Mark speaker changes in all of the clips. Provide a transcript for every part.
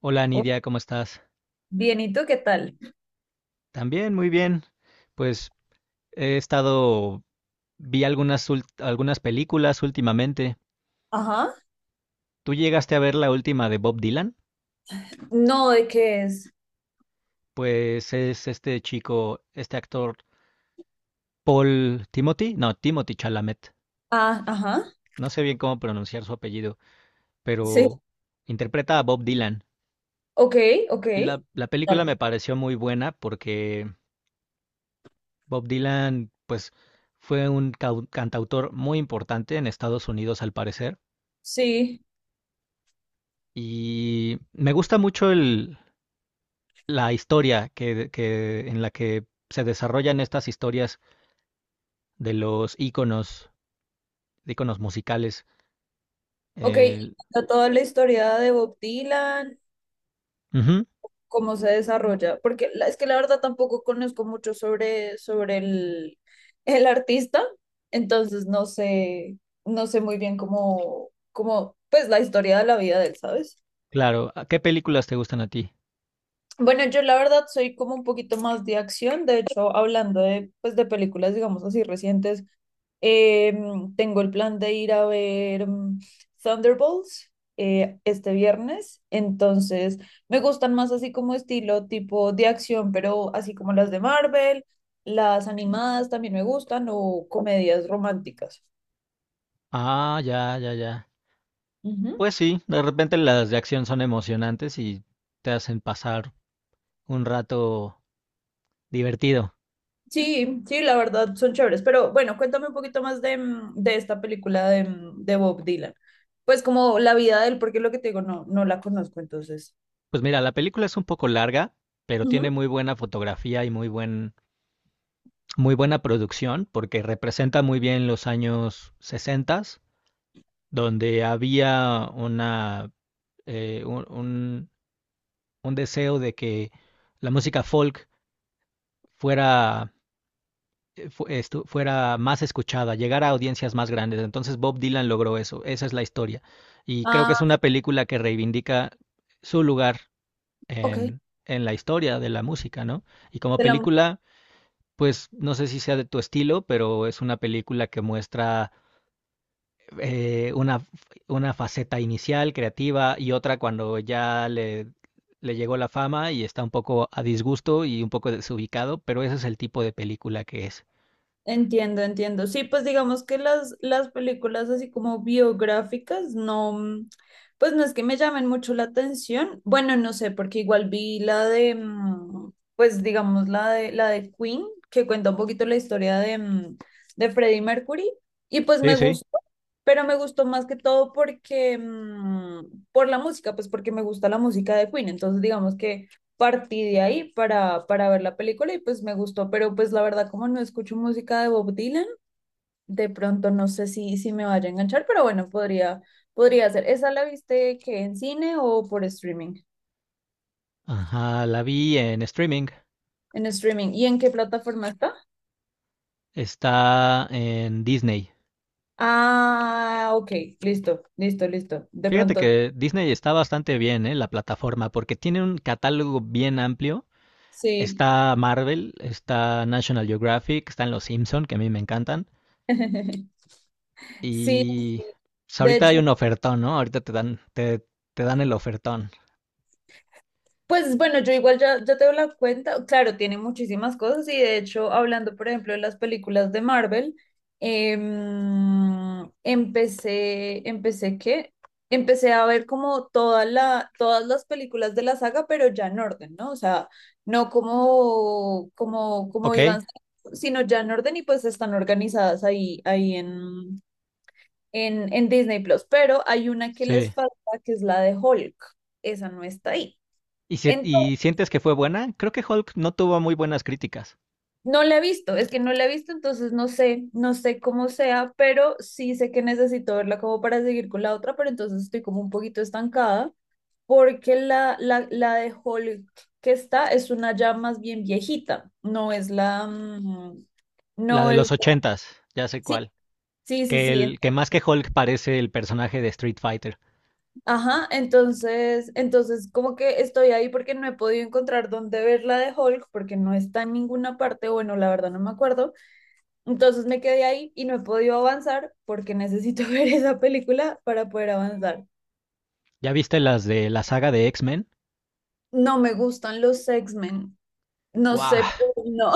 Speaker 1: Hola
Speaker 2: Oh,
Speaker 1: Nidia, ¿cómo estás?
Speaker 2: bien, ¿y tú qué tal?
Speaker 1: También, muy bien. Pues he estado, vi algunas, algunas películas últimamente.
Speaker 2: Ajá.
Speaker 1: ¿Tú llegaste a ver la última de Bob Dylan?
Speaker 2: No, ¿de qué es?
Speaker 1: Pues es este chico, este actor, Paul Timothy, no, Timothy Chalamet.
Speaker 2: Ah, ajá.
Speaker 1: No sé bien cómo pronunciar su apellido,
Speaker 2: Sí.
Speaker 1: pero interpreta a Bob Dylan.
Speaker 2: Ok, ok.
Speaker 1: La,
Speaker 2: ¿Qué
Speaker 1: la película me
Speaker 2: tal.
Speaker 1: pareció muy buena porque Bob Dylan, pues, fue un cantautor muy importante en Estados Unidos, al parecer.
Speaker 2: Sí,
Speaker 1: Y me gusta mucho la historia en la que se desarrollan estas historias de los íconos, de íconos musicales.
Speaker 2: ok. Y
Speaker 1: El-
Speaker 2: cuenta toda la historia de Bob Dylan,
Speaker 1: Ujú,
Speaker 2: cómo se desarrolla, porque es que la verdad tampoco conozco mucho sobre, sobre el artista, entonces no sé, no sé muy bien cómo, cómo, pues la historia de la vida de él, ¿sabes?
Speaker 1: claro. ¿A ¿Qué películas te gustan a ti?
Speaker 2: Bueno, yo la verdad soy como un poquito más de acción, de hecho, hablando de, pues, de películas, digamos así, recientes. Tengo el plan de ir a ver Thunderbolts este viernes, entonces me gustan más así como estilo tipo de acción, pero así como las de Marvel, las animadas también me gustan o comedias románticas.
Speaker 1: Ah, ya, ya, ya.
Speaker 2: Ujú.
Speaker 1: Pues sí, de repente las de acción son emocionantes y te hacen pasar un rato divertido.
Speaker 2: Sí, sí, la verdad son chéveres, pero bueno, cuéntame un poquito más de, de esta película de, de Bob Dylan. Pues como la vida de él, porque lo que te digo, no, no la conozco, entonces.
Speaker 1: Pues mira, la película es un poco larga, pero
Speaker 2: Ujú.
Speaker 1: tiene muy buena fotografía y muy buena producción porque representa muy bien los años 60, donde había una, eh, un, un- un deseo de que la música folk fuera, fuera más escuchada, llegara a audiencias más grandes. Entonces Bob Dylan logró eso, esa es la historia. Y creo que es
Speaker 2: Ah,
Speaker 1: una película que reivindica su lugar
Speaker 2: ok.
Speaker 1: en, en la historia de la música, ¿no? Y como
Speaker 2: Te la
Speaker 1: película, pues no sé si sea de tu estilo, pero es una película que muestra eh, una, una faceta inicial, creativa, y otra cuando ya le llegó la fama y está un poco a disgusto y un poco desubicado, pero ese es el tipo de película que es.
Speaker 2: entiendo, entiendo. Sí, pues digamos que las películas así como biográficas, no, pues no es que me llamen mucho la atención. Bueno, no sé, porque igual vi la de, pues digamos la de Queen, que cuenta un poquito la historia de, de Freddie Mercury, y pues
Speaker 1: Sí,
Speaker 2: me
Speaker 1: sí.
Speaker 2: gustó, pero me gustó más que todo porque, por la música, pues porque me gusta la música de Queen. Entonces, digamos que partí de ahí para ver la película y pues me gustó, pero pues la verdad como no escucho música de Bob Dylan, de pronto no sé si, si me vaya a enganchar, pero bueno, podría, podría ser. ¿Esa la viste que en cine o por streaming?
Speaker 1: Ajá, la vi en streaming,
Speaker 2: En streaming. ¿Y en qué plataforma está?
Speaker 1: está en Disney.
Speaker 2: Ah, ok, listo, listo, listo. De
Speaker 1: Fíjate
Speaker 2: pronto,
Speaker 1: que Disney está bastante bien, ¿eh? La plataforma, porque tiene un catálogo bien amplio.
Speaker 2: sí.
Speaker 1: Está Marvel, está National Geographic, están Los Simpson, que a mí me encantan.
Speaker 2: Sí,
Speaker 1: Y
Speaker 2: sí.
Speaker 1: pues
Speaker 2: De
Speaker 1: ahorita hay
Speaker 2: hecho,
Speaker 1: un ofertón, ¿no? Ahorita te dan el ofertón.
Speaker 2: pues bueno, yo igual ya, ya te doy la cuenta. Claro, tiene muchísimas cosas y de hecho, hablando por ejemplo de las películas de Marvel, empecé, empecé ¿qué? Empecé a ver como toda todas las películas de la saga, pero ya en orden, ¿no? O sea, no como, como, como
Speaker 1: Ok,
Speaker 2: iban, sino ya en orden y pues están organizadas ahí, ahí en, en Disney Plus. Pero hay una que les
Speaker 1: sí.
Speaker 2: falta, que es la de Hulk. Esa no está ahí.
Speaker 1: ¿Y, y sientes que fue buena? Creo que Hulk no tuvo muy buenas críticas.
Speaker 2: No la he visto, es que no la he visto, entonces no sé, no sé cómo sea, pero sí sé que necesito verla como para seguir con la otra, pero entonces estoy como un poquito estancada porque la de Hulk que está es una ya más bien viejita, no es la,
Speaker 1: La
Speaker 2: no
Speaker 1: de
Speaker 2: es,
Speaker 1: los ochentas, ya sé
Speaker 2: sí,
Speaker 1: cuál.
Speaker 2: sí, sí,
Speaker 1: Que
Speaker 2: sí,
Speaker 1: que más que Hulk parece el personaje de Street Fighter.
Speaker 2: ajá, entonces, entonces como que estoy ahí porque no he podido encontrar dónde ver la de Hulk porque no está en ninguna parte, bueno, la verdad no me acuerdo. Entonces me quedé ahí y no he podido avanzar porque necesito ver esa película para poder avanzar.
Speaker 1: ¿Ya viste las de la saga de X-Men?
Speaker 2: No me gustan los X-Men. No
Speaker 1: ¡Wow!
Speaker 2: sé, pero no.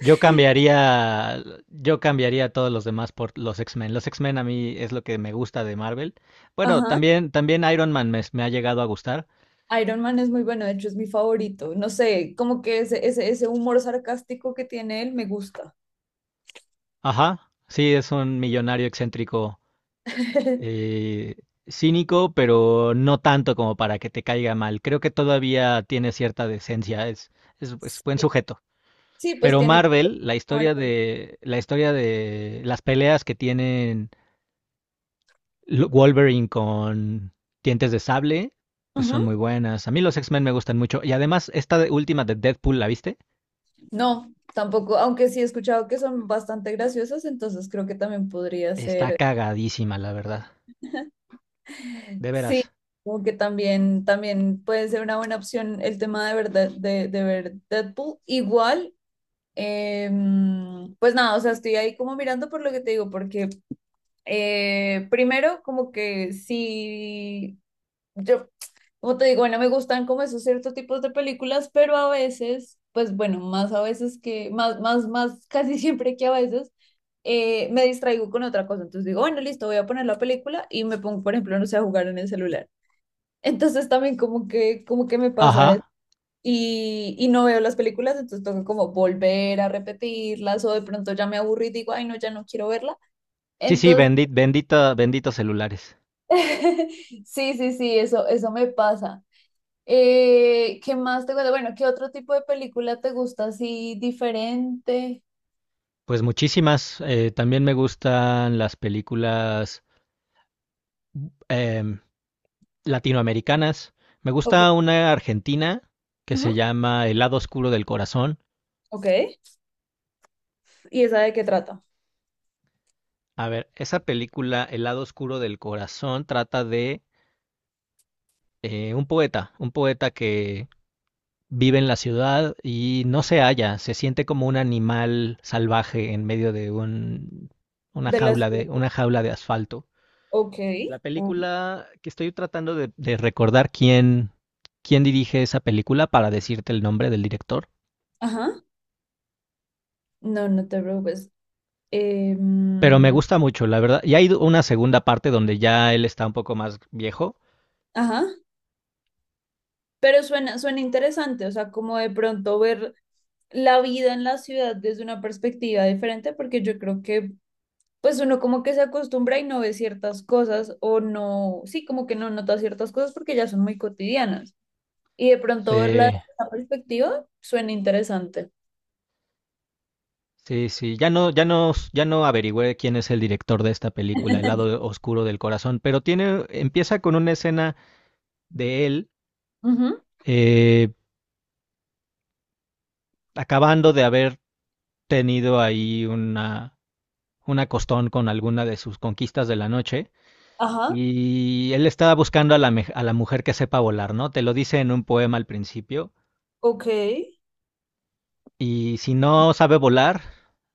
Speaker 1: Yo cambiaría, yo cambiaría a todos los demás por los X-Men. Los X-Men a mí es lo que me gusta de Marvel. Bueno,
Speaker 2: Ajá.
Speaker 1: también, también Iron Man me ha llegado a gustar.
Speaker 2: Iron Man es muy bueno, de hecho es mi favorito. No sé, como que ese, ese humor sarcástico que tiene él me gusta.
Speaker 1: Ajá, sí, es un millonario excéntrico, eh, cínico, pero no tanto como para que te caiga mal. Creo que todavía tiene cierta decencia, es
Speaker 2: Sí,
Speaker 1: buen sujeto.
Speaker 2: sí, pues
Speaker 1: Pero
Speaker 2: tiene todo
Speaker 1: Marvel,
Speaker 2: como
Speaker 1: la historia de las peleas que tienen Wolverine con Dientes de Sable, pues son
Speaker 2: ujú.
Speaker 1: muy buenas. A mí los X-Men me gustan mucho. Y además, esta última de Deadpool, ¿la viste?
Speaker 2: No, tampoco, aunque sí he escuchado que son bastante graciosas, entonces creo que también podría
Speaker 1: Está
Speaker 2: ser
Speaker 1: cagadísima, la verdad. De
Speaker 2: sí,
Speaker 1: veras.
Speaker 2: como que también, también puede ser una buena opción el tema de ver, de, de ver Deadpool. Igual, pues nada, o sea, estoy ahí como mirando por lo que te digo, porque primero como que sí, yo, como te digo, bueno, me gustan como esos ciertos tipos de películas, pero a veces, pues bueno, más a veces que, más, casi siempre que a veces me distraigo con otra cosa. Entonces digo, bueno, listo, voy a poner la película y me pongo, por ejemplo, no sé, a jugar en el celular. Entonces también como que me pasa eso.
Speaker 1: Ajá.
Speaker 2: Y no veo las películas, entonces tengo como volver a repetirlas o de pronto ya me aburrí y digo, ay, no, ya no quiero verla.
Speaker 1: Sí, sí,
Speaker 2: Entonces,
Speaker 1: bendita, benditos celulares.
Speaker 2: sí, sí, sí, eso me pasa. ¿Qué más te gusta? Bueno, ¿qué otro tipo de película te gusta así diferente?
Speaker 1: Pues muchísimas. También me gustan las películas em, latinoamericanas. Me
Speaker 2: Ok.
Speaker 1: gusta una argentina que
Speaker 2: Ujú,
Speaker 1: se llama El lado oscuro del corazón.
Speaker 2: ok. ¿Y esa de qué trata?
Speaker 1: A ver, esa película, El lado oscuro del corazón, trata de un poeta que vive en la ciudad y no se halla, se siente como un animal salvaje en medio una
Speaker 2: De la ciudad.
Speaker 1: una jaula de asfalto.
Speaker 2: Ok.
Speaker 1: La
Speaker 2: Ujú.
Speaker 1: película que estoy tratando de recordar quién dirige esa película para decirte el nombre del director,
Speaker 2: Ajá. No, no te preocupes.
Speaker 1: pero me
Speaker 2: Em,
Speaker 1: gusta mucho, la verdad. Y hay una segunda parte donde ya él está un poco más viejo.
Speaker 2: ajá. Pero suena, suena interesante, o sea, como de pronto ver la vida en la ciudad desde una perspectiva diferente, porque yo creo que pues uno como que se acostumbra y no ve ciertas cosas o no, sí, como que no nota ciertas cosas porque ya son muy cotidianas. Y de pronto verla
Speaker 1: Sí,
Speaker 2: desde esa perspectiva suena interesante.
Speaker 1: sí, sí. Ya no, ya no, ya no averigüé quién es el director de esta película, El lado oscuro del corazón, pero tiene, empieza con una escena de él,
Speaker 2: Ujú,
Speaker 1: eh, acabando de haber tenido ahí una costón con alguna de sus conquistas de la noche.
Speaker 2: ajá,
Speaker 1: Y él estaba buscando a a la mujer que sepa volar, ¿no? Te lo dice en un poema al principio.
Speaker 2: ok.
Speaker 1: Y si no sabe volar,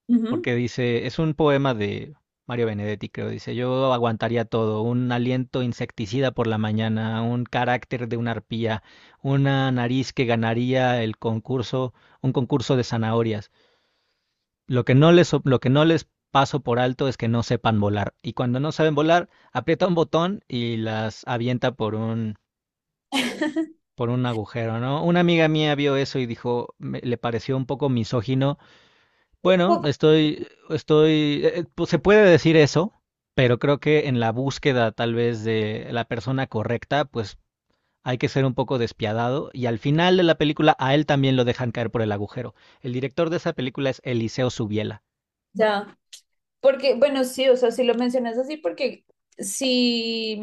Speaker 2: Ujú.
Speaker 1: porque dice, es un poema de Mario Benedetti, creo, dice, yo aguantaría todo, un aliento insecticida por la mañana, un carácter de una arpía, una nariz que ganaría el concurso, un concurso de zanahorias. Lo que no les paso por alto es que no sepan volar. Y cuando no saben volar, aprieta un botón y las avienta por un agujero, ¿no? Una amiga mía vio eso y dijo, le pareció un poco misógino. Bueno,
Speaker 2: Poco,
Speaker 1: pues se puede decir eso, pero creo que en la búsqueda tal vez de la persona correcta, pues hay que ser un poco despiadado. Y al final de la película a él también lo dejan caer por el agujero. El director de esa película es Eliseo Subiela.
Speaker 2: ya, porque, bueno, sí, o sea, si lo mencionas así, porque si,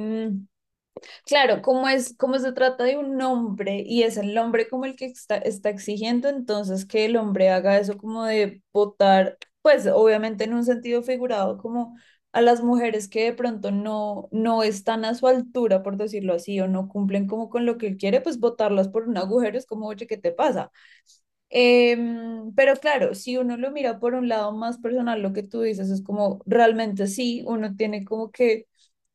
Speaker 2: claro, como es, como se trata de un hombre y es el hombre como el que está, está exigiendo, entonces que el hombre haga eso como de votar, pues obviamente en un sentido figurado, como a las mujeres que de pronto no, no están a su altura, por decirlo así, o no cumplen como con lo que él quiere, pues votarlas por un agujero es como, oye, ¿qué te pasa? Pero claro, si uno lo mira por un lado más personal, lo que tú dices es como, realmente sí, uno tiene como que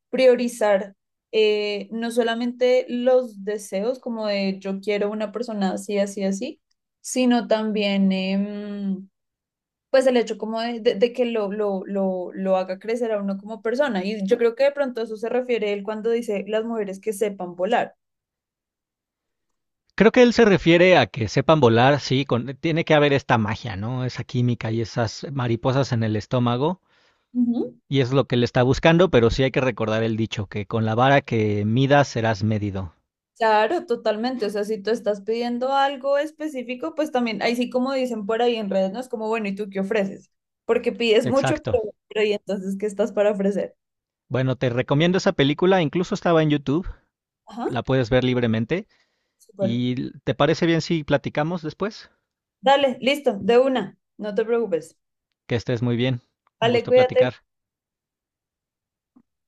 Speaker 2: priorizar no solamente los deseos como de yo quiero una persona así, así, así, sino también pues el hecho como de, de que lo, lo haga crecer a uno como persona. Y yo creo que de pronto a eso se refiere él cuando dice las mujeres que sepan volar.
Speaker 1: Creo que él se refiere a que sepan volar, sí, con, tiene que haber esta magia, ¿no? Esa química y esas mariposas en el estómago.
Speaker 2: Ujú.
Speaker 1: Y es lo que le está buscando, pero sí hay que recordar el dicho, que con la vara que midas serás medido.
Speaker 2: Claro, totalmente. O sea, si tú estás pidiendo algo específico, pues también, ahí sí como dicen por ahí en redes, no es como, bueno, ¿y tú qué ofreces? Porque pides mucho,
Speaker 1: Exacto.
Speaker 2: pero ¿y entonces qué estás para ofrecer?
Speaker 1: Bueno, te recomiendo esa película, incluso estaba en YouTube,
Speaker 2: Ajá,
Speaker 1: la puedes ver libremente.
Speaker 2: súper.
Speaker 1: ¿Y te parece bien si platicamos después?
Speaker 2: Dale, listo, de una, no te preocupes.
Speaker 1: Que estés muy bien. Un
Speaker 2: Dale,
Speaker 1: gusto
Speaker 2: cuídate.
Speaker 1: platicar.